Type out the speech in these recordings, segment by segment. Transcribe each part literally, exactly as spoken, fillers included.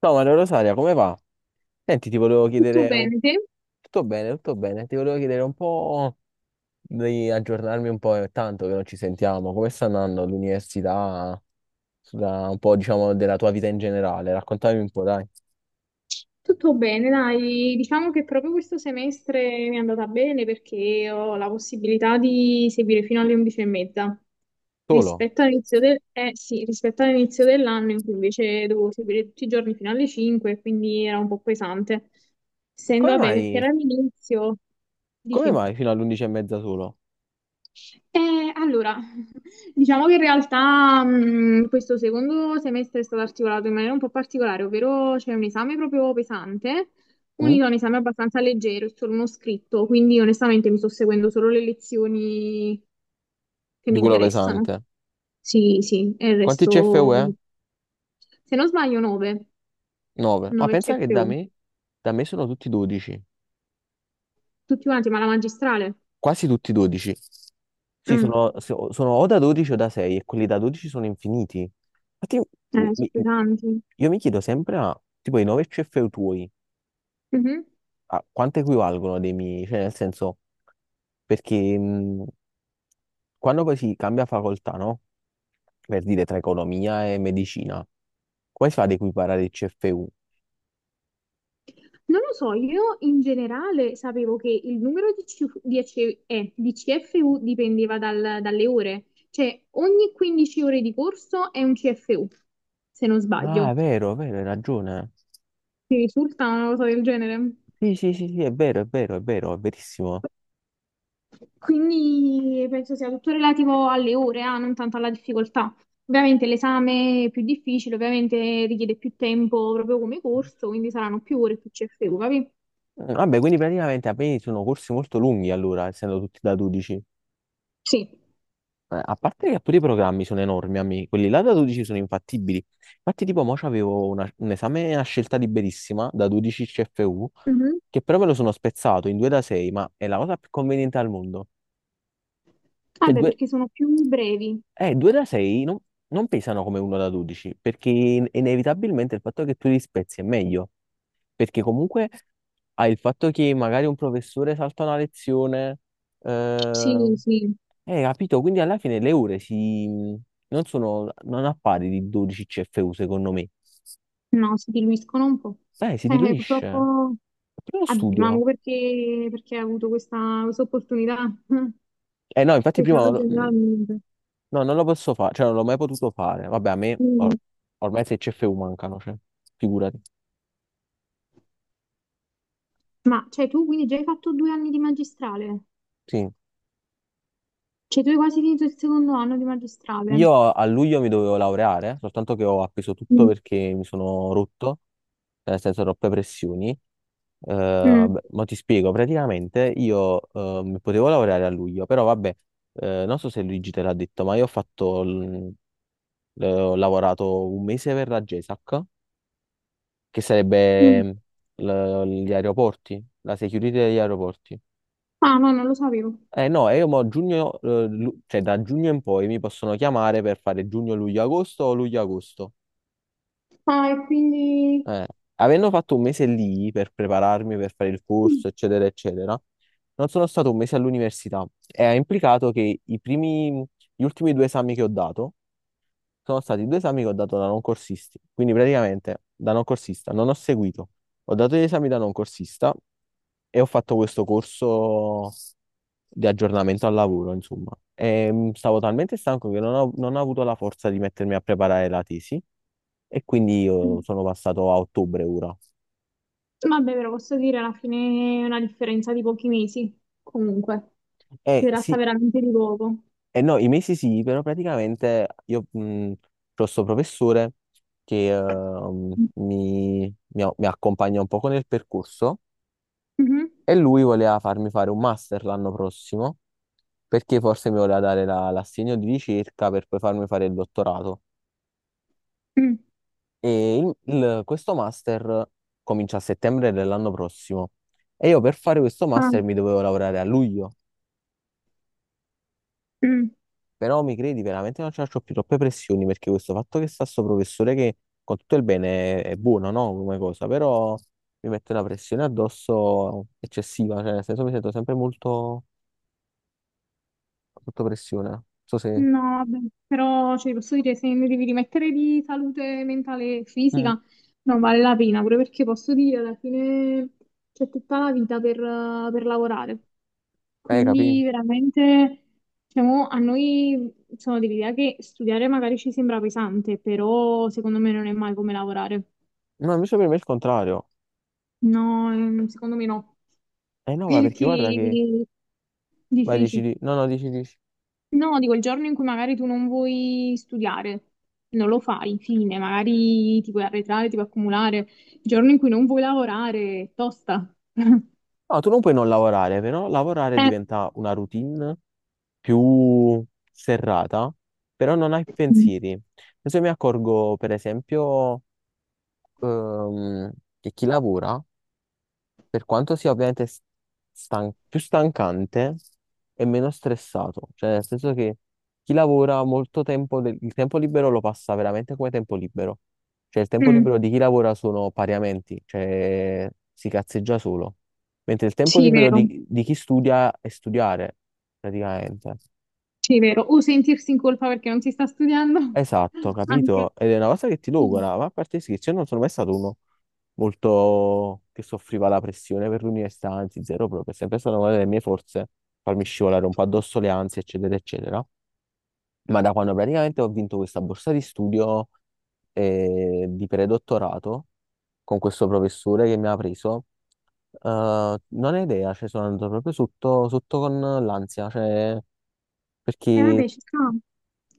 Ciao Maria Rosaria, come va? Senti, ti volevo Tutto chiedere un... bene, te? Tutto bene, tutto bene. Ti volevo chiedere un po' di aggiornarmi un po', è tanto che non ci sentiamo. Come sta andando l'università? Sulla- Un po', diciamo, della tua vita in generale. Raccontami un po', dai. Tutto bene, dai. Diciamo che proprio questo semestre mi è andata bene perché ho la possibilità di seguire fino alle undici e mezza. Solo? Rispetto all'inizio del- eh, sì, rispetto all'inizio dell'anno in cui invece dovevo seguire tutti i giorni fino alle cinque, quindi era un po' pesante. E Essendo, come vabbè, perché era mai? l'inizio, Come mai dici. fino all'undici e mezza solo? Eh, allora, diciamo che in realtà mh, questo secondo semestre è stato articolato in maniera un po' particolare, ovvero c'è un esame proprio pesante, Mm? unito a un esame abbastanza leggero, è solo uno scritto, quindi onestamente mi sto seguendo solo le lezioni che Di mi quello interessano. pesante. Sì, sì, e il Quanti resto, C F U è? se non sbaglio, nove, nove. Ma nove pensa che da C F U, me, da me sono tutti dodici. tutti quanti, ma la magistrale. Quasi tutti dodici. Sì, Mm. sono, so- sono o da dodici o da sei e quelli da dodici sono infiniti. Infatti, io mi- Eh, mi- sono pesanti. io mi chiedo sempre, ma tipo i nove C F U tuoi, Mhm. a quanto equivalgono dei miei? Cioè, nel senso, perché mh, quando poi si cambia facoltà, no? Per dire tra economia e medicina, come si fa ad equiparare il C F U? Non lo so, io in generale sapevo che il numero di, C F di E C eh, di C F U dipendeva dal- dalle ore, cioè ogni quindici ore di corso è un C F U, se non Ah, è sbaglio. vero, è vero, hai ragione. Mi risulta una cosa del genere. Sì, sì, sì, sì, è vero, è vero, è vero, è verissimo. Quindi penso sia tutto relativo alle ore, ah, non tanto alla difficoltà. Ovviamente l'esame è più difficile, ovviamente richiede più tempo proprio come corso, quindi saranno più ore più C F U, capi? Mm, Vabbè, quindi praticamente a me sono corsi molto lunghi allora, essendo tutti da dodici. Sì. Eh, A parte che pure i programmi sono enormi, amici. Quelli là da dodici sono infattibili. Infatti, tipo, mo c'avevo una- un esame a scelta liberissima da dodici C F U, Mhm. che però me lo sono spezzato in due da sei, ma è la cosa più conveniente al mondo. Cioè, Vabbè, due, perché sono più brevi. eh, due da sei non, non pesano come uno da dodici, perché in- inevitabilmente il fatto che tu li spezzi è meglio. Perché comunque hai il fatto che magari un professore salta una lezione, eh, Sì, sì. Eh, capito? Quindi alla fine le ore si... non sono... non appare di dodici C F U secondo me. No, si diluiscono un po'. Eh, si Eh, diluisce. purtroppo Prima lo abbiamo studio. perché, perché hai avuto questa, questa opportunità, Eh no, infatti che se prima... non no lo- mm, generalmente. No, non lo posso fare, cioè non l'ho mai potuto fare. Vabbè, a me Mm. or- ormai sei C F U mancano, cioè, figurati. Ma cioè, tu quindi già hai fatto due anni di magistrale? Sì. Cioè, tu hai quasi finito il secondo anno di magistrale? Io a luglio mi dovevo laureare, soltanto che ho appeso tutto Mm. perché mi sono rotto, cioè nel senso troppe pressioni. Eh, Mm. vabbè, ma ti spiego, praticamente io ehm, potevo lavorare a luglio, però vabbè, eh, non so se Luigi te l'ha detto, ma io ho fatto, l- l- ho lavorato un mese per la GESAC, che Mm. sarebbe mm, l- gli aeroporti, la security degli aeroporti. Ah, no, non lo sapevo. Eh no, e io mo giugno, eh, lu- cioè da giugno in poi mi possono chiamare per fare giugno, luglio, agosto o luglio, agosto. Ah, e quindi. Eh, Avendo fatto un mese lì per prepararmi, per fare il corso, eccetera, eccetera, non sono stato un mese all'università e ha implicato che i primi, gli ultimi due esami che ho dato sono stati due esami che ho dato da non corsisti. Quindi praticamente da non corsista non ho seguito, ho dato gli esami da non corsista e ho fatto questo corso di aggiornamento al lavoro, insomma. E, mh, stavo talmente stanco che non ho, non ho avuto la forza di mettermi a preparare la tesi e quindi io Mm. sono passato a ottobre ora. Vabbè, però posso dire alla fine è una differenza di pochi mesi, comunque. Si Eh tratta sì, veramente di poco. eh, no, i mesi sì, però praticamente io mh, ho questo professore che ehm, mi, mi a- mi accompagna un poco nel percorso Mhm. e lui voleva farmi fare un master l'anno prossimo perché forse mi voleva dare la- l'assegno di ricerca per poi farmi fare il dottorato. Mm. E il- il- questo master comincia a settembre dell'anno prossimo e io per fare questo Ah, master mi dovevo lavorare a luglio. mm. Però mi credi, veramente non ci faccio più troppe pressioni perché questo fatto che sta sto professore che con tutto il bene è buono, no? Come cosa, però mi mette una pressione addosso eccessiva, cioè nel senso mi sento sempre molto sotto pressione. Non so se... No, vabbè, però cioè, posso dire, se ne devi rimettere di salute mentale e Mm. fisica, non vale la pena, pure perché posso dire, alla fine c'è tutta la vita per, eh, per lavorare. Eh, capì? Quindi veramente, diciamo, a noi sono dell'idea che studiare magari ci sembra pesante, però secondo me non è mai come lavorare. No, invece per me è il contrario. No, ehm, secondo me no, Eh no, ma perché perché guarda che... dici, vai, dici, dici. di- no, no, dici, dici. No, dico il giorno in cui magari tu non vuoi studiare, non lo fai, fine, magari ti puoi arretrare, ti puoi accumulare. Il giorno in cui non vuoi lavorare, è tosta. No, tu non puoi non lavorare, però lavorare Eh, diventa una routine più serrata, però non hai mm, pensieri. Adesso mi accorgo, per esempio, ehm, che chi lavora, per quanto sia ovviamente s- stan- più stancante, è meno stressato. Cioè, nel senso che chi lavora molto tempo, del- il tempo libero lo passa veramente come tempo libero. Cioè, il tempo mm, libero di chi lavora sono pariamenti, cioè si cazzeggia solo. Mentre il tempo sì, libero vero, di, di chi studia è studiare, praticamente. sì, vero. O sentirsi in colpa perché non si sta studiando, Esatto, anche. capito? Ed è una cosa che ti Mm. logora, ma a parte sì, che io non sono mai stato uno molto che soffriva la pressione per l'università, anzi zero proprio, è sempre stata una delle mie forze farmi scivolare un po' addosso le ansie, eccetera, eccetera. Ma da quando praticamente ho vinto questa borsa di studio eh, di predottorato con questo professore che mi ha preso, eh, non ho idea, cioè sono andato proprio sotto, sotto con l'ansia, cioè E perché vabbè, ci sta.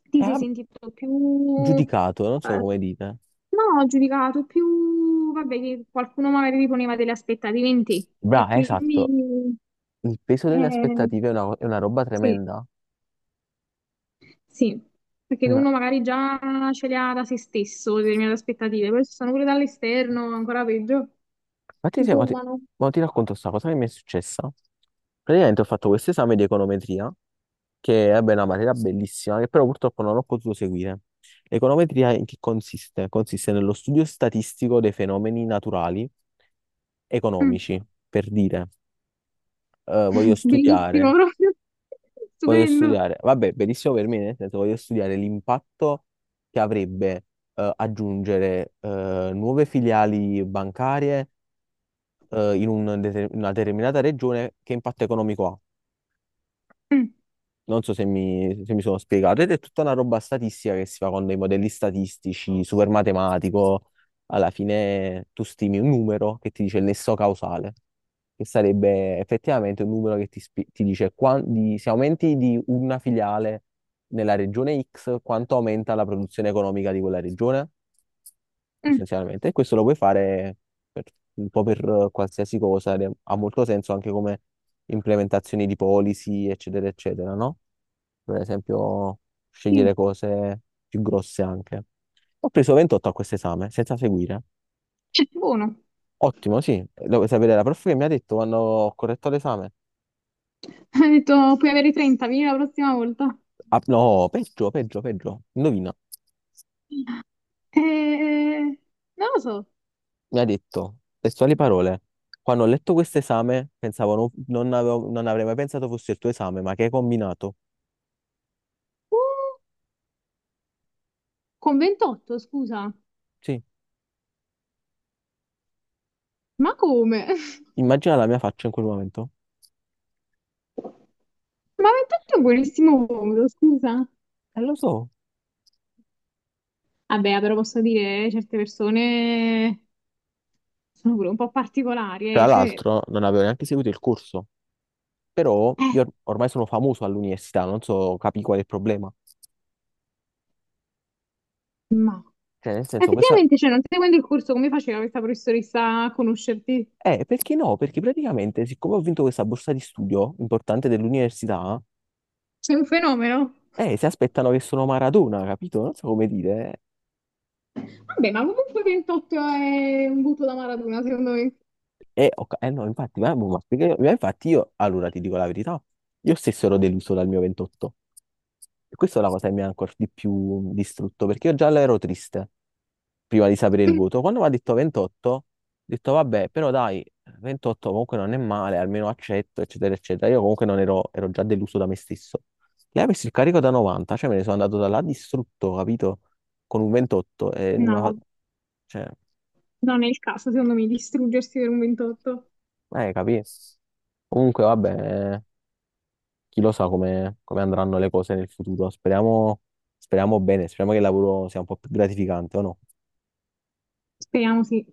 Ti sei era sentito più. giudicato, non so Eh. come dite. No, giudicato più, vabbè, che qualcuno magari ti poneva delle aspettative in te e Bra, esatto, quindi il peso delle eh, aspettative è una, è una roba Sì, tremenda. sì, perché Mm. uno magari già ce le ha da se stesso determinate aspettative, poi ci sono pure dall'esterno, ancora peggio, Infatti, si se- ma ti, sommano. ma ti racconto sta cosa che mi è successa. Praticamente ho fatto questo esame di econometria, che è vabbè, una materia bellissima, che però purtroppo non ho potuto seguire. L'econometria in che consiste? Consiste nello studio statistico dei fenomeni naturali Mm. economici, per dire, eh, voglio Mm. Bellissimo studiare proprio, Voglio stupendo. studiare, vabbè, benissimo per me, nel senso voglio studiare l'impatto che avrebbe eh, aggiungere eh, nuove filiali bancarie eh, in un dete- una determinata regione, che impatto economico ha. Mm, Non so se mi, se mi sono spiegato, ed è tutta una roba statistica che si fa con dei modelli statistici, super matematico. Alla fine tu stimi un numero che ti dice il nesso causale, che sarebbe effettivamente un numero che ti, spi- ti dice quan- di- se aumenti di una filiale nella regione X, quanto aumenta la produzione economica di quella regione, mm, essenzialmente. E questo lo puoi fare per- un po' per eh, qualsiasi cosa, ed è- ha molto senso anche come implementazioni di policy, eccetera, eccetera, no? Per esempio, sì. scegliere cose più grosse anche. Ho preso ventotto a questo esame, senza seguire. Cioè, buono. Ottimo, sì. Lo vuoi sapere, la prof che mi ha detto quando ho corretto l'esame. Ha detto, puoi avere trenta, vieni la prossima volta. Ah, no, peggio, peggio, peggio. Indovina. Eh, eh, non lo so. Mi ha detto, testuali parole, quando ho letto questo esame, pensavo, non, non avevo- non avrei mai pensato fosse il tuo esame, ma che hai combinato? Uh, con ventotto, scusa, Sì. ma come? Immagina la mia faccia in quel momento. Ma ventotto è un buonissimo modo, scusa. E lo so. Vabbè, però posso dire, certe persone. Sono pure un po' particolari, Tra eh, cioè, l'altro, non avevo neanche seguito il corso. Però io or- ormai sono famoso all'università, non so, capi qual è il problema. ma Cioè, nel senso, questa... effettivamente, cioè, non seguendo il corso, come faceva questa professoressa a conoscerti? Eh, perché no? Perché praticamente, siccome ho vinto questa borsa di studio importante dell'università, Sei un fenomeno. eh, si aspettano che sono Maradona, capito? Non so come dire. Vabbè, ma comunque ventotto è un butto da Maradona, secondo me. Eh, ho ca- eh, no, infatti, ma, ma perché- ma infatti io, allora ti dico la verità, io stesso ero deluso dal mio ventotto. E questa è la cosa che mi ha ancora di più distrutto, perché io già ero triste prima di sapere il voto. Quando mi ha detto ventotto, ho detto vabbè, però dai, ventotto comunque non è male, almeno accetto, eccetera, eccetera. Io comunque non ero, ero già deluso da me stesso. Lei ha messo il carico da novanta, cioè me ne sono andato da là distrutto, capito? Con un ventotto, e non ha... No, cioè, non è il caso, secondo me, distruggersi per un ventotto. eh, capì? Comunque, vabbè, eh, chi lo sa come, come andranno le cose nel futuro. Speriamo, speriamo bene, speriamo che il lavoro sia un po' più gratificante, o no? Speriamo sì.